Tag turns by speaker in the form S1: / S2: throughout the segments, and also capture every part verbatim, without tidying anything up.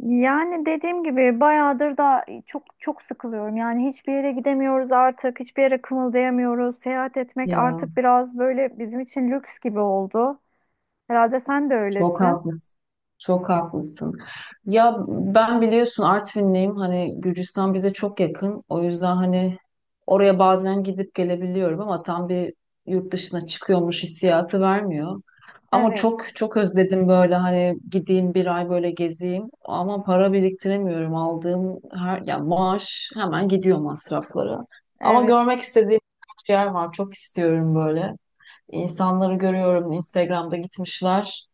S1: Yani dediğim gibi bayağıdır da çok çok sıkılıyorum. Yani hiçbir yere gidemiyoruz artık, hiçbir yere kımıldayamıyoruz. Seyahat etmek
S2: Ya
S1: artık biraz böyle bizim için lüks gibi oldu. Herhalde sen de
S2: çok
S1: öylesin.
S2: haklısın. Çok haklısın. Ya ben biliyorsun Artvinliyim. Hani Gürcistan bize çok yakın. O yüzden hani oraya bazen gidip gelebiliyorum ama tam bir yurt dışına çıkıyormuş hissiyatı vermiyor. Ama
S1: Evet,
S2: çok çok özledim böyle hani gideyim bir ay böyle gezeyim ama para biriktiremiyorum. Aldığım her ya maaş hemen gidiyor masraflara. Ama
S1: evet.
S2: görmek istediğim birkaç yer var. Çok istiyorum böyle. İnsanları görüyorum Instagram'da gitmişler.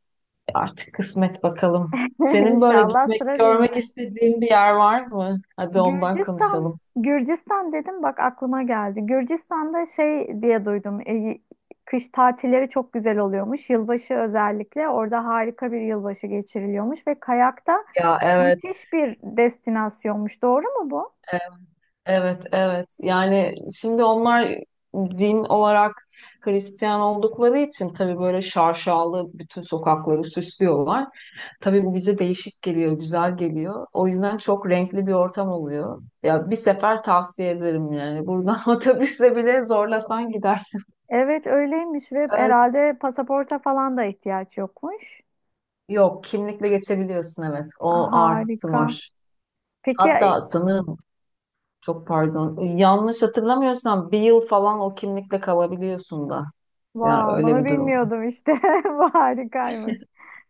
S2: Artık kısmet bakalım. Senin böyle
S1: İnşallah
S2: gitmek,
S1: sıra bizde.
S2: görmek istediğin bir yer var mı? Hadi ondan
S1: Gürcistan,
S2: konuşalım.
S1: Gürcistan dedim bak aklıma geldi. Gürcistan'da şey diye duydum. e, kış tatilleri çok güzel oluyormuş. Yılbaşı özellikle orada harika bir yılbaşı geçiriliyormuş ve kayakta
S2: Ya, evet,
S1: müthiş bir destinasyonmuş. Doğru mu bu?
S2: evet, evet. Yani şimdi onlar din olarak Hristiyan oldukları için tabii böyle şarşalı bütün sokakları süslüyorlar. Tabii bu bize değişik geliyor, güzel geliyor. O yüzden çok renkli bir ortam oluyor. Ya bir sefer tavsiye ederim yani. Buradan otobüsle bile zorlasan gidersin.
S1: Evet öyleymiş ve
S2: Ee,
S1: herhalde pasaporta falan da ihtiyaç yokmuş.
S2: Yok, kimlikle geçebiliyorsun, evet.
S1: Ah,
S2: O artısı
S1: harika.
S2: var.
S1: Peki, ay-
S2: Hatta sanırım çok pardon yanlış hatırlamıyorsam bir yıl falan o kimlikle kalabiliyorsun da. Yani
S1: Wow,
S2: öyle
S1: bunu
S2: bir durum.
S1: bilmiyordum işte. Bu harikaymış.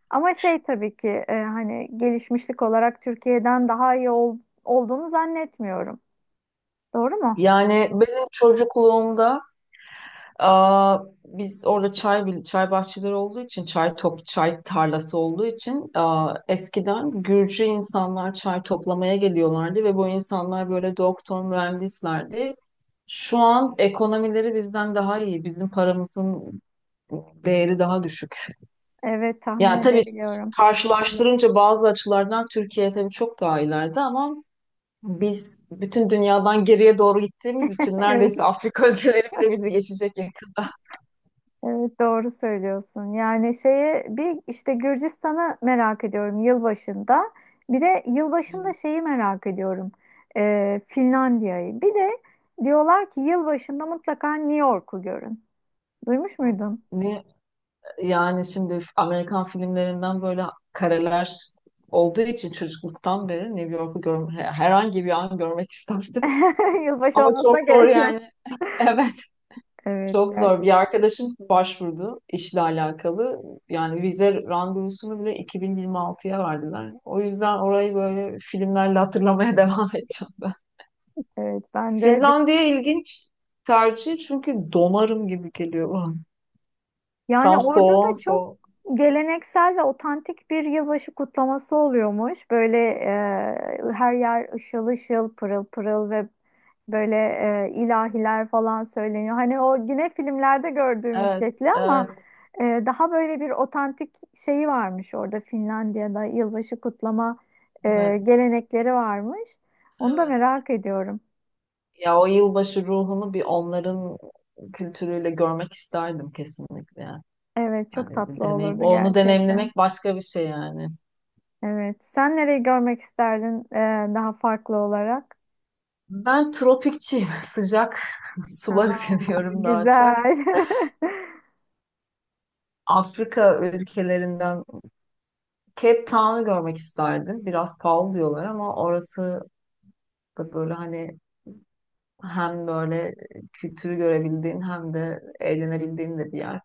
S1: Ama şey tabii ki e, hani gelişmişlik olarak Türkiye'den daha iyi ol- olduğunu zannetmiyorum. Doğru mu?
S2: Yani benim çocukluğumda aa, biz orada çay bil- çay bahçeleri olduğu için çay top çay tarlası olduğu için aa, eskiden Gürcü insanlar çay toplamaya geliyorlardı ve bu insanlar böyle doktor mühendislerdi. Şu an ekonomileri bizden daha iyi. Bizim paramızın değeri daha düşük.
S1: Evet, tahmin
S2: Ya tabii
S1: edebiliyorum.
S2: karşılaştırınca bazı açılardan Türkiye tabii çok daha ileride ama biz bütün dünyadan geriye doğru gittiğimiz için
S1: Evet.
S2: neredeyse Afrika ülkeleri bile bizi geçecek yakında.
S1: Evet doğru söylüyorsun. Yani şeye bir işte Gürcistan'ı merak ediyorum yılbaşında. Bir de yılbaşında
S2: Evet.
S1: şeyi merak ediyorum. Ee, Finlandiya'yı. Bir de diyorlar ki yılbaşında mutlaka New York'u görün. Duymuş muydun?
S2: Ne Yani şimdi Amerikan filmlerinden böyle kareler olduğu için çocukluktan beri New York'u görme, herhangi bir an görmek isterdim.
S1: Yılbaşı
S2: Ama
S1: olmasına
S2: çok zor
S1: gerek yok.
S2: yani. Evet.
S1: Evet
S2: Çok zor.
S1: gerçekten.
S2: Bir arkadaşım başvurdu işle alakalı. Yani vize randevusunu bile iki bin yirmi altıya verdiler. O yüzden orayı böyle filmlerle hatırlamaya devam edeceğim ben.
S1: Evet ben de.
S2: Finlandiya ilginç tercih çünkü donarım gibi geliyor bana.
S1: Yani
S2: Tam
S1: orada da
S2: soğuğun
S1: çok
S2: soğuk.
S1: geleneksel ve otantik bir yılbaşı kutlaması oluyormuş. Böyle e, her yer ışıl ışıl, pırıl pırıl ve böyle e, ilahiler falan söyleniyor. Hani o yine filmlerde gördüğümüz
S2: Evet,
S1: şekli ama
S2: evet,
S1: e, daha böyle bir otantik şeyi varmış orada Finlandiya'da yılbaşı kutlama e,
S2: evet,
S1: gelenekleri varmış. Onu da
S2: evet.
S1: merak ediyorum.
S2: Ya o yılbaşı ruhunu bir onların kültürüyle görmek isterdim kesinlikle.
S1: Evet, çok
S2: Yani bir
S1: tatlı
S2: deneyim,
S1: olurdu
S2: onu
S1: gerçekten.
S2: deneyimlemek başka bir şey yani.
S1: Evet. Sen nereyi görmek isterdin e, daha farklı olarak?
S2: Ben tropikçiyim. Sıcak
S1: Aa,
S2: suları seviyorum daha
S1: güzel.
S2: çok. Afrika ülkelerinden Cape Town'u görmek isterdim. Biraz pahalı diyorlar ama orası da böyle hani hem böyle kültürü görebildiğin hem de eğlenebildiğin de bir yer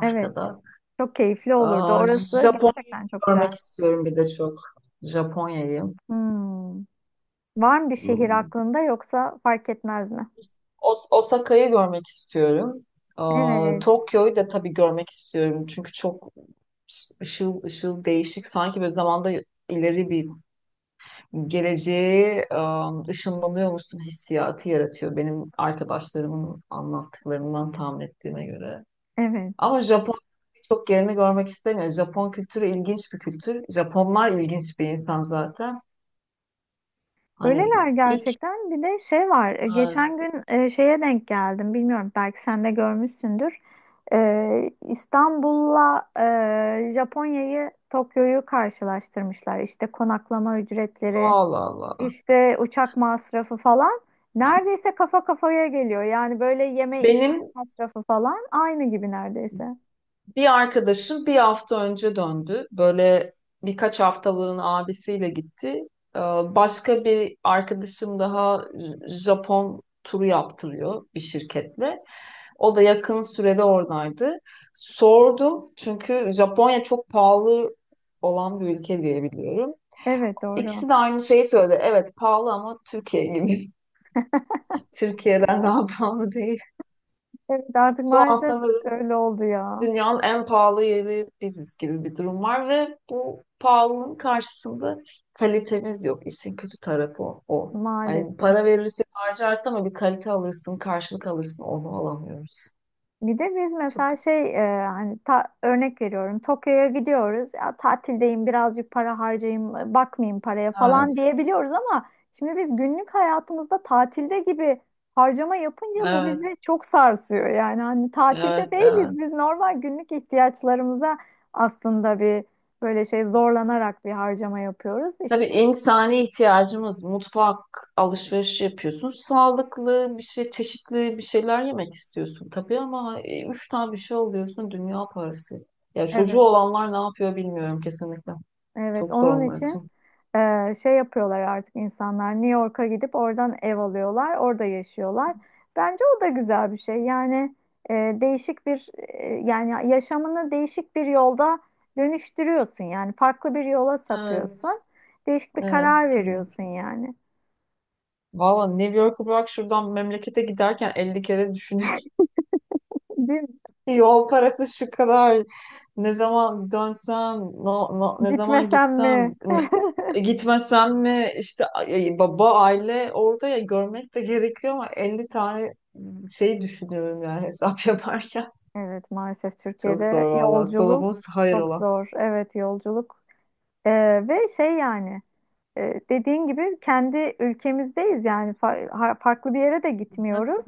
S1: Evet. Çok keyifli olurdu.
S2: Aa,
S1: Orası
S2: Japonya
S1: gerçekten çok güzel.
S2: görmek istiyorum bir de çok. Japonya'yı.
S1: Hmm. Var mı bir şehir aklında yoksa fark etmez mi?
S2: Os- Osaka'yı görmek istiyorum. Aa,
S1: Evet,
S2: Tokyo'yu da tabii görmek istiyorum. Çünkü çok ışıl ışıl değişik. Sanki böyle zamanda ileri bir geleceğe ım, ışınlanıyormuşsun hissiyatı yaratıyor. Benim arkadaşlarımın anlattıklarından tahmin ettiğime göre.
S1: evet.
S2: Ama Japon birçok yerini görmek istemiyor. Japon kültürü ilginç bir kültür. Japonlar ilginç bir insan zaten.
S1: Öyleler
S2: Hani ilk
S1: gerçekten. Bir de şey var. e, Geçen
S2: Evet,
S1: gün e, şeye denk geldim. Bilmiyorum belki sen de görmüşsündür. E, İstanbul'la e, Japonya'yı, Tokyo'yu karşılaştırmışlar. İşte konaklama ücretleri,
S2: Allah Allah.
S1: işte uçak masrafı falan neredeyse kafa kafaya geliyor. Yani böyle yeme içme
S2: Benim
S1: masrafı falan aynı gibi neredeyse.
S2: Bir arkadaşım bir hafta önce döndü. Böyle birkaç haftalığın abisiyle gitti. Ee, Başka bir arkadaşım daha J- Japon turu yaptırıyor bir şirketle. O da yakın sürede oradaydı. Sordum çünkü Japonya çok pahalı olan bir ülke diye biliyorum.
S1: Evet doğru.
S2: İkisi de aynı şeyi söyledi. Evet, pahalı ama Türkiye gibi. Türkiye'den daha pahalı değil.
S1: Evet artık
S2: Şu an
S1: maalesef
S2: sanırım
S1: öyle oldu ya.
S2: dünyanın en pahalı yeri biziz gibi bir durum var ve bu pahalılığın karşısında kalitemiz yok. İşin kötü tarafı o. o. Yani
S1: Maalesef.
S2: para verirsin harcarsın ama bir kalite alırsın, karşılık alırsın onu alamıyoruz.
S1: Bir de biz
S2: Çok
S1: mesela
S2: kötü.
S1: şey e, hani ta- örnek veriyorum Tokyo'ya gidiyoruz ya tatildeyim birazcık para harcayayım bakmayayım paraya falan
S2: Evet,
S1: diyebiliyoruz ama şimdi biz günlük hayatımızda tatilde gibi harcama yapınca bu bizi
S2: evet,
S1: çok sarsıyor yani hani tatilde
S2: evet,
S1: değiliz
S2: evet.
S1: biz normal günlük ihtiyaçlarımıza aslında bir böyle şey zorlanarak bir harcama yapıyoruz
S2: Tabii
S1: işte
S2: insani ihtiyacımız mutfak, alışveriş yapıyorsun. Sağlıklı bir şey, çeşitli bir şeyler yemek istiyorsun tabii ama e, üç tane bir şey alıyorsun dünya parası. Ya çocuğu
S1: evet.
S2: olanlar ne yapıyor bilmiyorum kesinlikle.
S1: Evet,
S2: Çok zor
S1: onun
S2: onlar için.
S1: için e, şey yapıyorlar artık insanlar. New York'a gidip oradan ev alıyorlar, orada yaşıyorlar. Bence o da güzel bir şey. Yani e, değişik bir e, yani yaşamını değişik bir yolda dönüştürüyorsun. Yani farklı bir yola
S2: Evet,
S1: sapıyorsun. Değişik bir karar
S2: evet, evet.
S1: veriyorsun yani.
S2: Valla New York'u bırak şuradan memlekete giderken elli kere düşünüyorum.
S1: Değil mi?
S2: Yol parası şu kadar. Ne zaman dönsem, no, no- Ne zaman
S1: Gitmesem
S2: gitsem,
S1: mi?
S2: ne- gitmesem mi? İşte ay- baba, aile orada ya görmek de gerekiyor ama elli tane şey düşünüyorum yani hesap yaparken.
S1: Evet, maalesef
S2: Çok
S1: Türkiye'de
S2: zor valla.
S1: yolculuk
S2: Solomon hayır
S1: çok
S2: ola.
S1: zor. Evet, yolculuk. E, ve şey yani. E, dediğin gibi kendi ülkemizdeyiz yani Fa- ha- farklı bir yere de
S2: Evet,
S1: gitmiyoruz.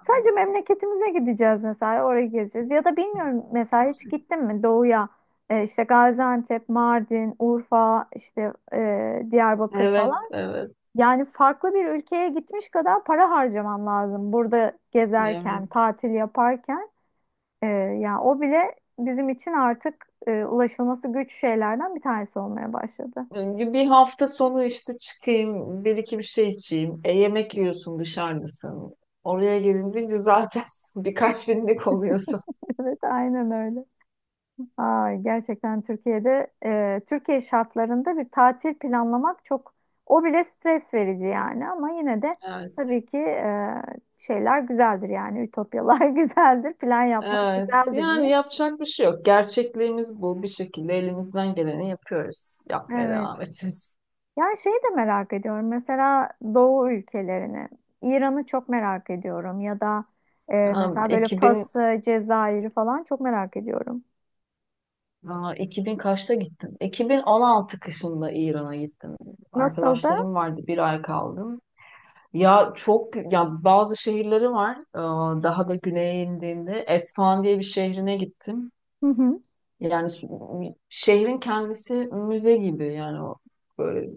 S1: Sadece memleketimize gideceğiz mesela oraya gezeceğiz. Ya da bilmiyorum mesela hiç gittin mi doğuya? E, işte Gaziantep, Mardin, Urfa, işte e, Diyarbakır
S2: evet,
S1: falan.
S2: evet,
S1: Yani farklı bir ülkeye gitmiş kadar para harcaman lazım burada gezerken,
S2: evet.
S1: tatil yaparken. E, yani o bile bizim için artık e, ulaşılması güç şeylerden bir tanesi olmaya başladı.
S2: Bir hafta sonu işte çıkayım, bir iki bir şey içeyim. E, yemek yiyorsun dışarıdasın. Oraya gelince zaten birkaç binlik oluyorsun.
S1: Evet, aynen öyle. Ay, gerçekten Türkiye'de e, Türkiye şartlarında bir tatil planlamak çok o bile stres verici yani ama yine de
S2: Evet.
S1: tabii ki e, şeyler güzeldir yani ütopyalar güzeldir plan yapmak
S2: Evet,
S1: güzeldir diye.
S2: yani yapacak bir şey yok. Gerçekliğimiz bu. Bir şekilde elimizden geleni yapıyoruz. Yapmaya
S1: Evet.
S2: devam edeceğiz.
S1: Yani şeyi de merak ediyorum mesela Doğu ülkelerini İran'ı çok merak ediyorum ya da e, mesela böyle
S2: Ha, 2000,
S1: Fas'ı, Cezayir'i falan çok merak ediyorum.
S2: aa, iki bin kaçta gittim? iki bin on altı kışında İran'a gittim.
S1: Nasıldı?
S2: Arkadaşlarım vardı, bir ay kaldım. Ya çok ya bazı şehirleri var. Ee, Daha da güneye indiğinde Esfahan diye bir şehrine gittim.
S1: Hı hı.
S2: Yani s- şehrin kendisi müze gibi yani o böyle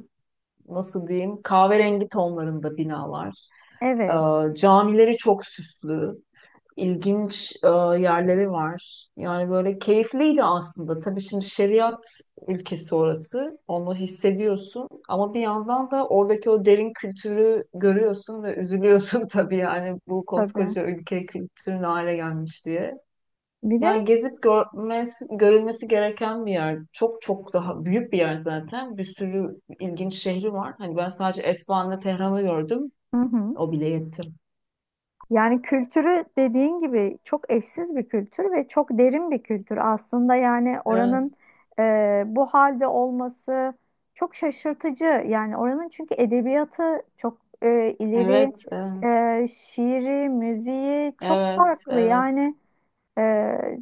S2: nasıl diyeyim kahverengi tonlarında binalar.
S1: Evet
S2: Ee, Camileri çok süslü ilginç e, yerleri var. Yani böyle keyifliydi aslında. Tabii şimdi şeriat ülkesi orası. Onu hissediyorsun ama bir yandan da oradaki o derin kültürü görüyorsun ve üzülüyorsun tabii yani bu
S1: tabii.
S2: koskoca ülke kültürün hale gelmiş diye.
S1: Bir de
S2: Yani gezip görmesi, görülmesi gereken bir yer. Çok çok daha büyük bir yer zaten. Bir sürü ilginç şehri var. Hani ben sadece Esfahan'la Tehran'ı gördüm.
S1: hı hı.
S2: O bile yetti.
S1: Yani kültürü dediğin gibi çok eşsiz bir kültür ve çok derin bir kültür. Aslında yani oranın
S2: Evet.
S1: e, bu halde olması çok şaşırtıcı. Yani oranın çünkü edebiyatı çok e, ileri,
S2: Evet, evet.
S1: e, şiiri, müziği çok
S2: Evet,
S1: farklı.
S2: evet.
S1: Yani ee,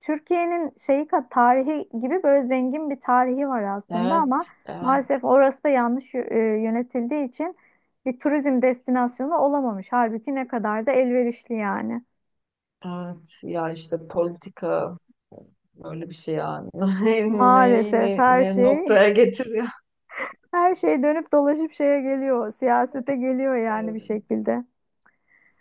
S1: Türkiye'nin şeyi ka- tarihi gibi böyle zengin bir tarihi var aslında
S2: Evet,
S1: ama
S2: evet,
S1: maalesef orası da yanlış yö- e, yönetildiği için bir turizm destinasyonu olamamış. Halbuki ne kadar da elverişli yani.
S2: evet. Ya işte politika böyle bir şey yani. Neyi ne,
S1: Maalesef
S2: ne
S1: her
S2: ne
S1: şey
S2: noktaya getiriyor.
S1: her şey dönüp dolaşıp şeye geliyor, siyasete geliyor yani
S2: Ee,
S1: bir şekilde.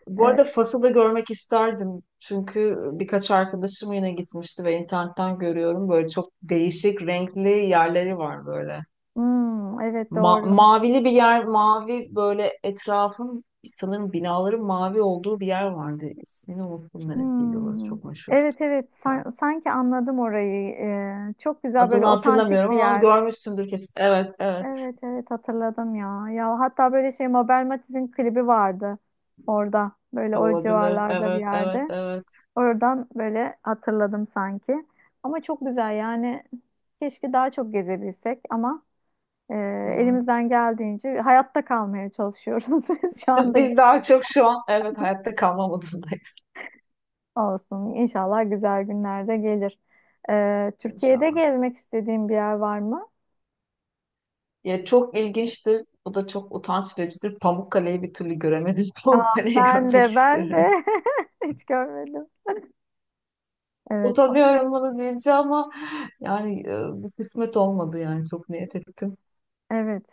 S2: Bu arada
S1: Evet.
S2: Fas'ı da görmek isterdim. Çünkü birkaç arkadaşım yine gitmişti ve internetten görüyorum. Böyle çok değişik renkli yerleri var böyle.
S1: Hmm, evet
S2: Ma-
S1: doğru.
S2: mavili bir yer, mavi böyle etrafın sanırım binaların mavi olduğu bir yer vardı. İsmini unuttum neresiydi orası
S1: Hmm.
S2: çok meşhur.
S1: Evet evet San- sanki anladım orayı. Ee, çok güzel böyle
S2: Adını
S1: otantik
S2: hatırlamıyorum
S1: bir
S2: ama
S1: yer.
S2: görmüşsündür kesin. Evet, evet.
S1: Evet evet hatırladım ya. Ya hatta böyle şey Mabel Matiz'in klibi vardı orada. Böyle o
S2: Olabilir.
S1: civarlarda bir
S2: Evet, evet,
S1: yerde.
S2: evet.
S1: Oradan böyle hatırladım sanki. Ama çok güzel yani. Keşke daha çok gezebilsek ama e,
S2: Evet.
S1: elimizden geldiğince hayatta kalmaya çalışıyoruz biz şu anda.
S2: Biz daha çok şu an, evet, hayatta kalma modundayız.
S1: Olsun. İnşallah güzel günlerde gelir. Ee, Türkiye'de
S2: inşallah.
S1: gezmek istediğin bir yer var mı?
S2: Ya çok ilginçtir. Bu da çok utanç vericidir. Pamukkale'yi bir türlü göremedim.
S1: Aa,
S2: Pamukkale'yi
S1: ben
S2: görmek
S1: de ben
S2: istiyorum.
S1: de hiç görmedim. Evet, pa-
S2: Utanıyorum bunu deyince ama yani e, bir kısmet olmadı yani çok niyet ettim.
S1: evet.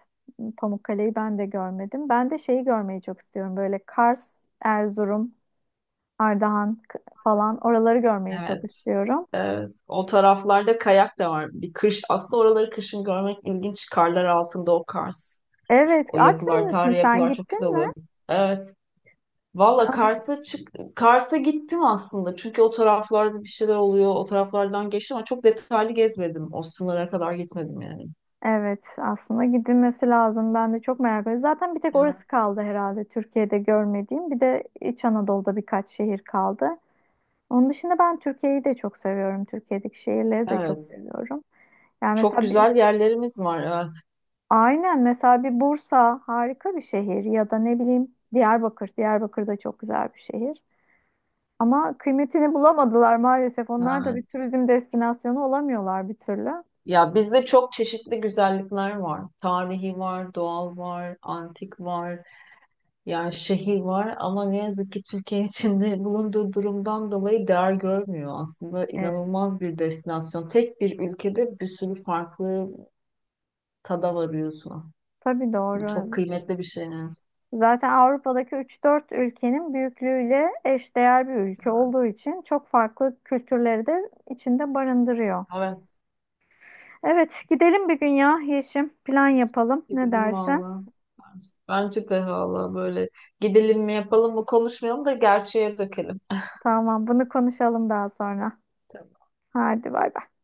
S1: Pamukkale'yi ben de görmedim. Ben de şeyi görmeyi çok istiyorum. Böyle Kars, Erzurum, Ardahan k- falan oraları görmeyi çok
S2: Evet.
S1: istiyorum.
S2: Evet. O taraflarda kayak da var. Bir kış. Aslında oraları kışın görmek ilginç. Karlar altında o kars.
S1: Evet,
S2: O yapılar,
S1: Artvinlisin
S2: tarihi
S1: sen
S2: yapılar çok güzel
S1: gittin mi?
S2: oluyor. Evet. Valla Kars'a çık Kars'a gittim aslında. Çünkü o taraflarda bir şeyler oluyor. O taraflardan geçtim ama çok detaylı gezmedim. O sınıra kadar gitmedim yani.
S1: Evet, aslında gidilmesi lazım. Ben de çok merak ediyorum. Zaten bir tek
S2: Ya,
S1: orası kaldı herhalde Türkiye'de görmediğim. Bir de İç Anadolu'da birkaç şehir kaldı. Onun dışında ben Türkiye'yi de çok seviyorum. Türkiye'deki şehirleri de çok
S2: evet.
S1: seviyorum. Yani
S2: Çok
S1: mesela bir,
S2: güzel yerlerimiz var. Evet.
S1: aynen mesela bir Bursa harika bir şehir ya da ne bileyim Diyarbakır. Diyarbakır da çok güzel bir şehir. Ama kıymetini bulamadılar maalesef. Onlar da bir
S2: Evet.
S1: turizm destinasyonu olamıyorlar bir türlü.
S2: Ya bizde çok çeşitli güzellikler var. Tarihi var, doğal var, antik var. Ya şehir var ama ne yazık ki Türkiye içinde bulunduğu durumdan dolayı değer görmüyor. Aslında
S1: Evet.
S2: inanılmaz bir destinasyon. Tek bir ülkede bir sürü farklı tada varıyorsun.
S1: Tabii
S2: Bu
S1: doğru.
S2: çok kıymetli bir şey.
S1: Zaten Avrupa'daki üç dört ülkenin büyüklüğüyle eşdeğer bir ülke
S2: Yani.
S1: olduğu için çok farklı kültürleri de içinde barındırıyor.
S2: Evet,
S1: Evet, gidelim bir gün ya Yeşim. Plan yapalım. Ne
S2: gidelim
S1: dersin?
S2: valla. Bence bence de valla böyle gidelim mi yapalım mı konuşmayalım da gerçeğe dökelim.
S1: Tamam, bunu konuşalım daha sonra. Hadi bay bay.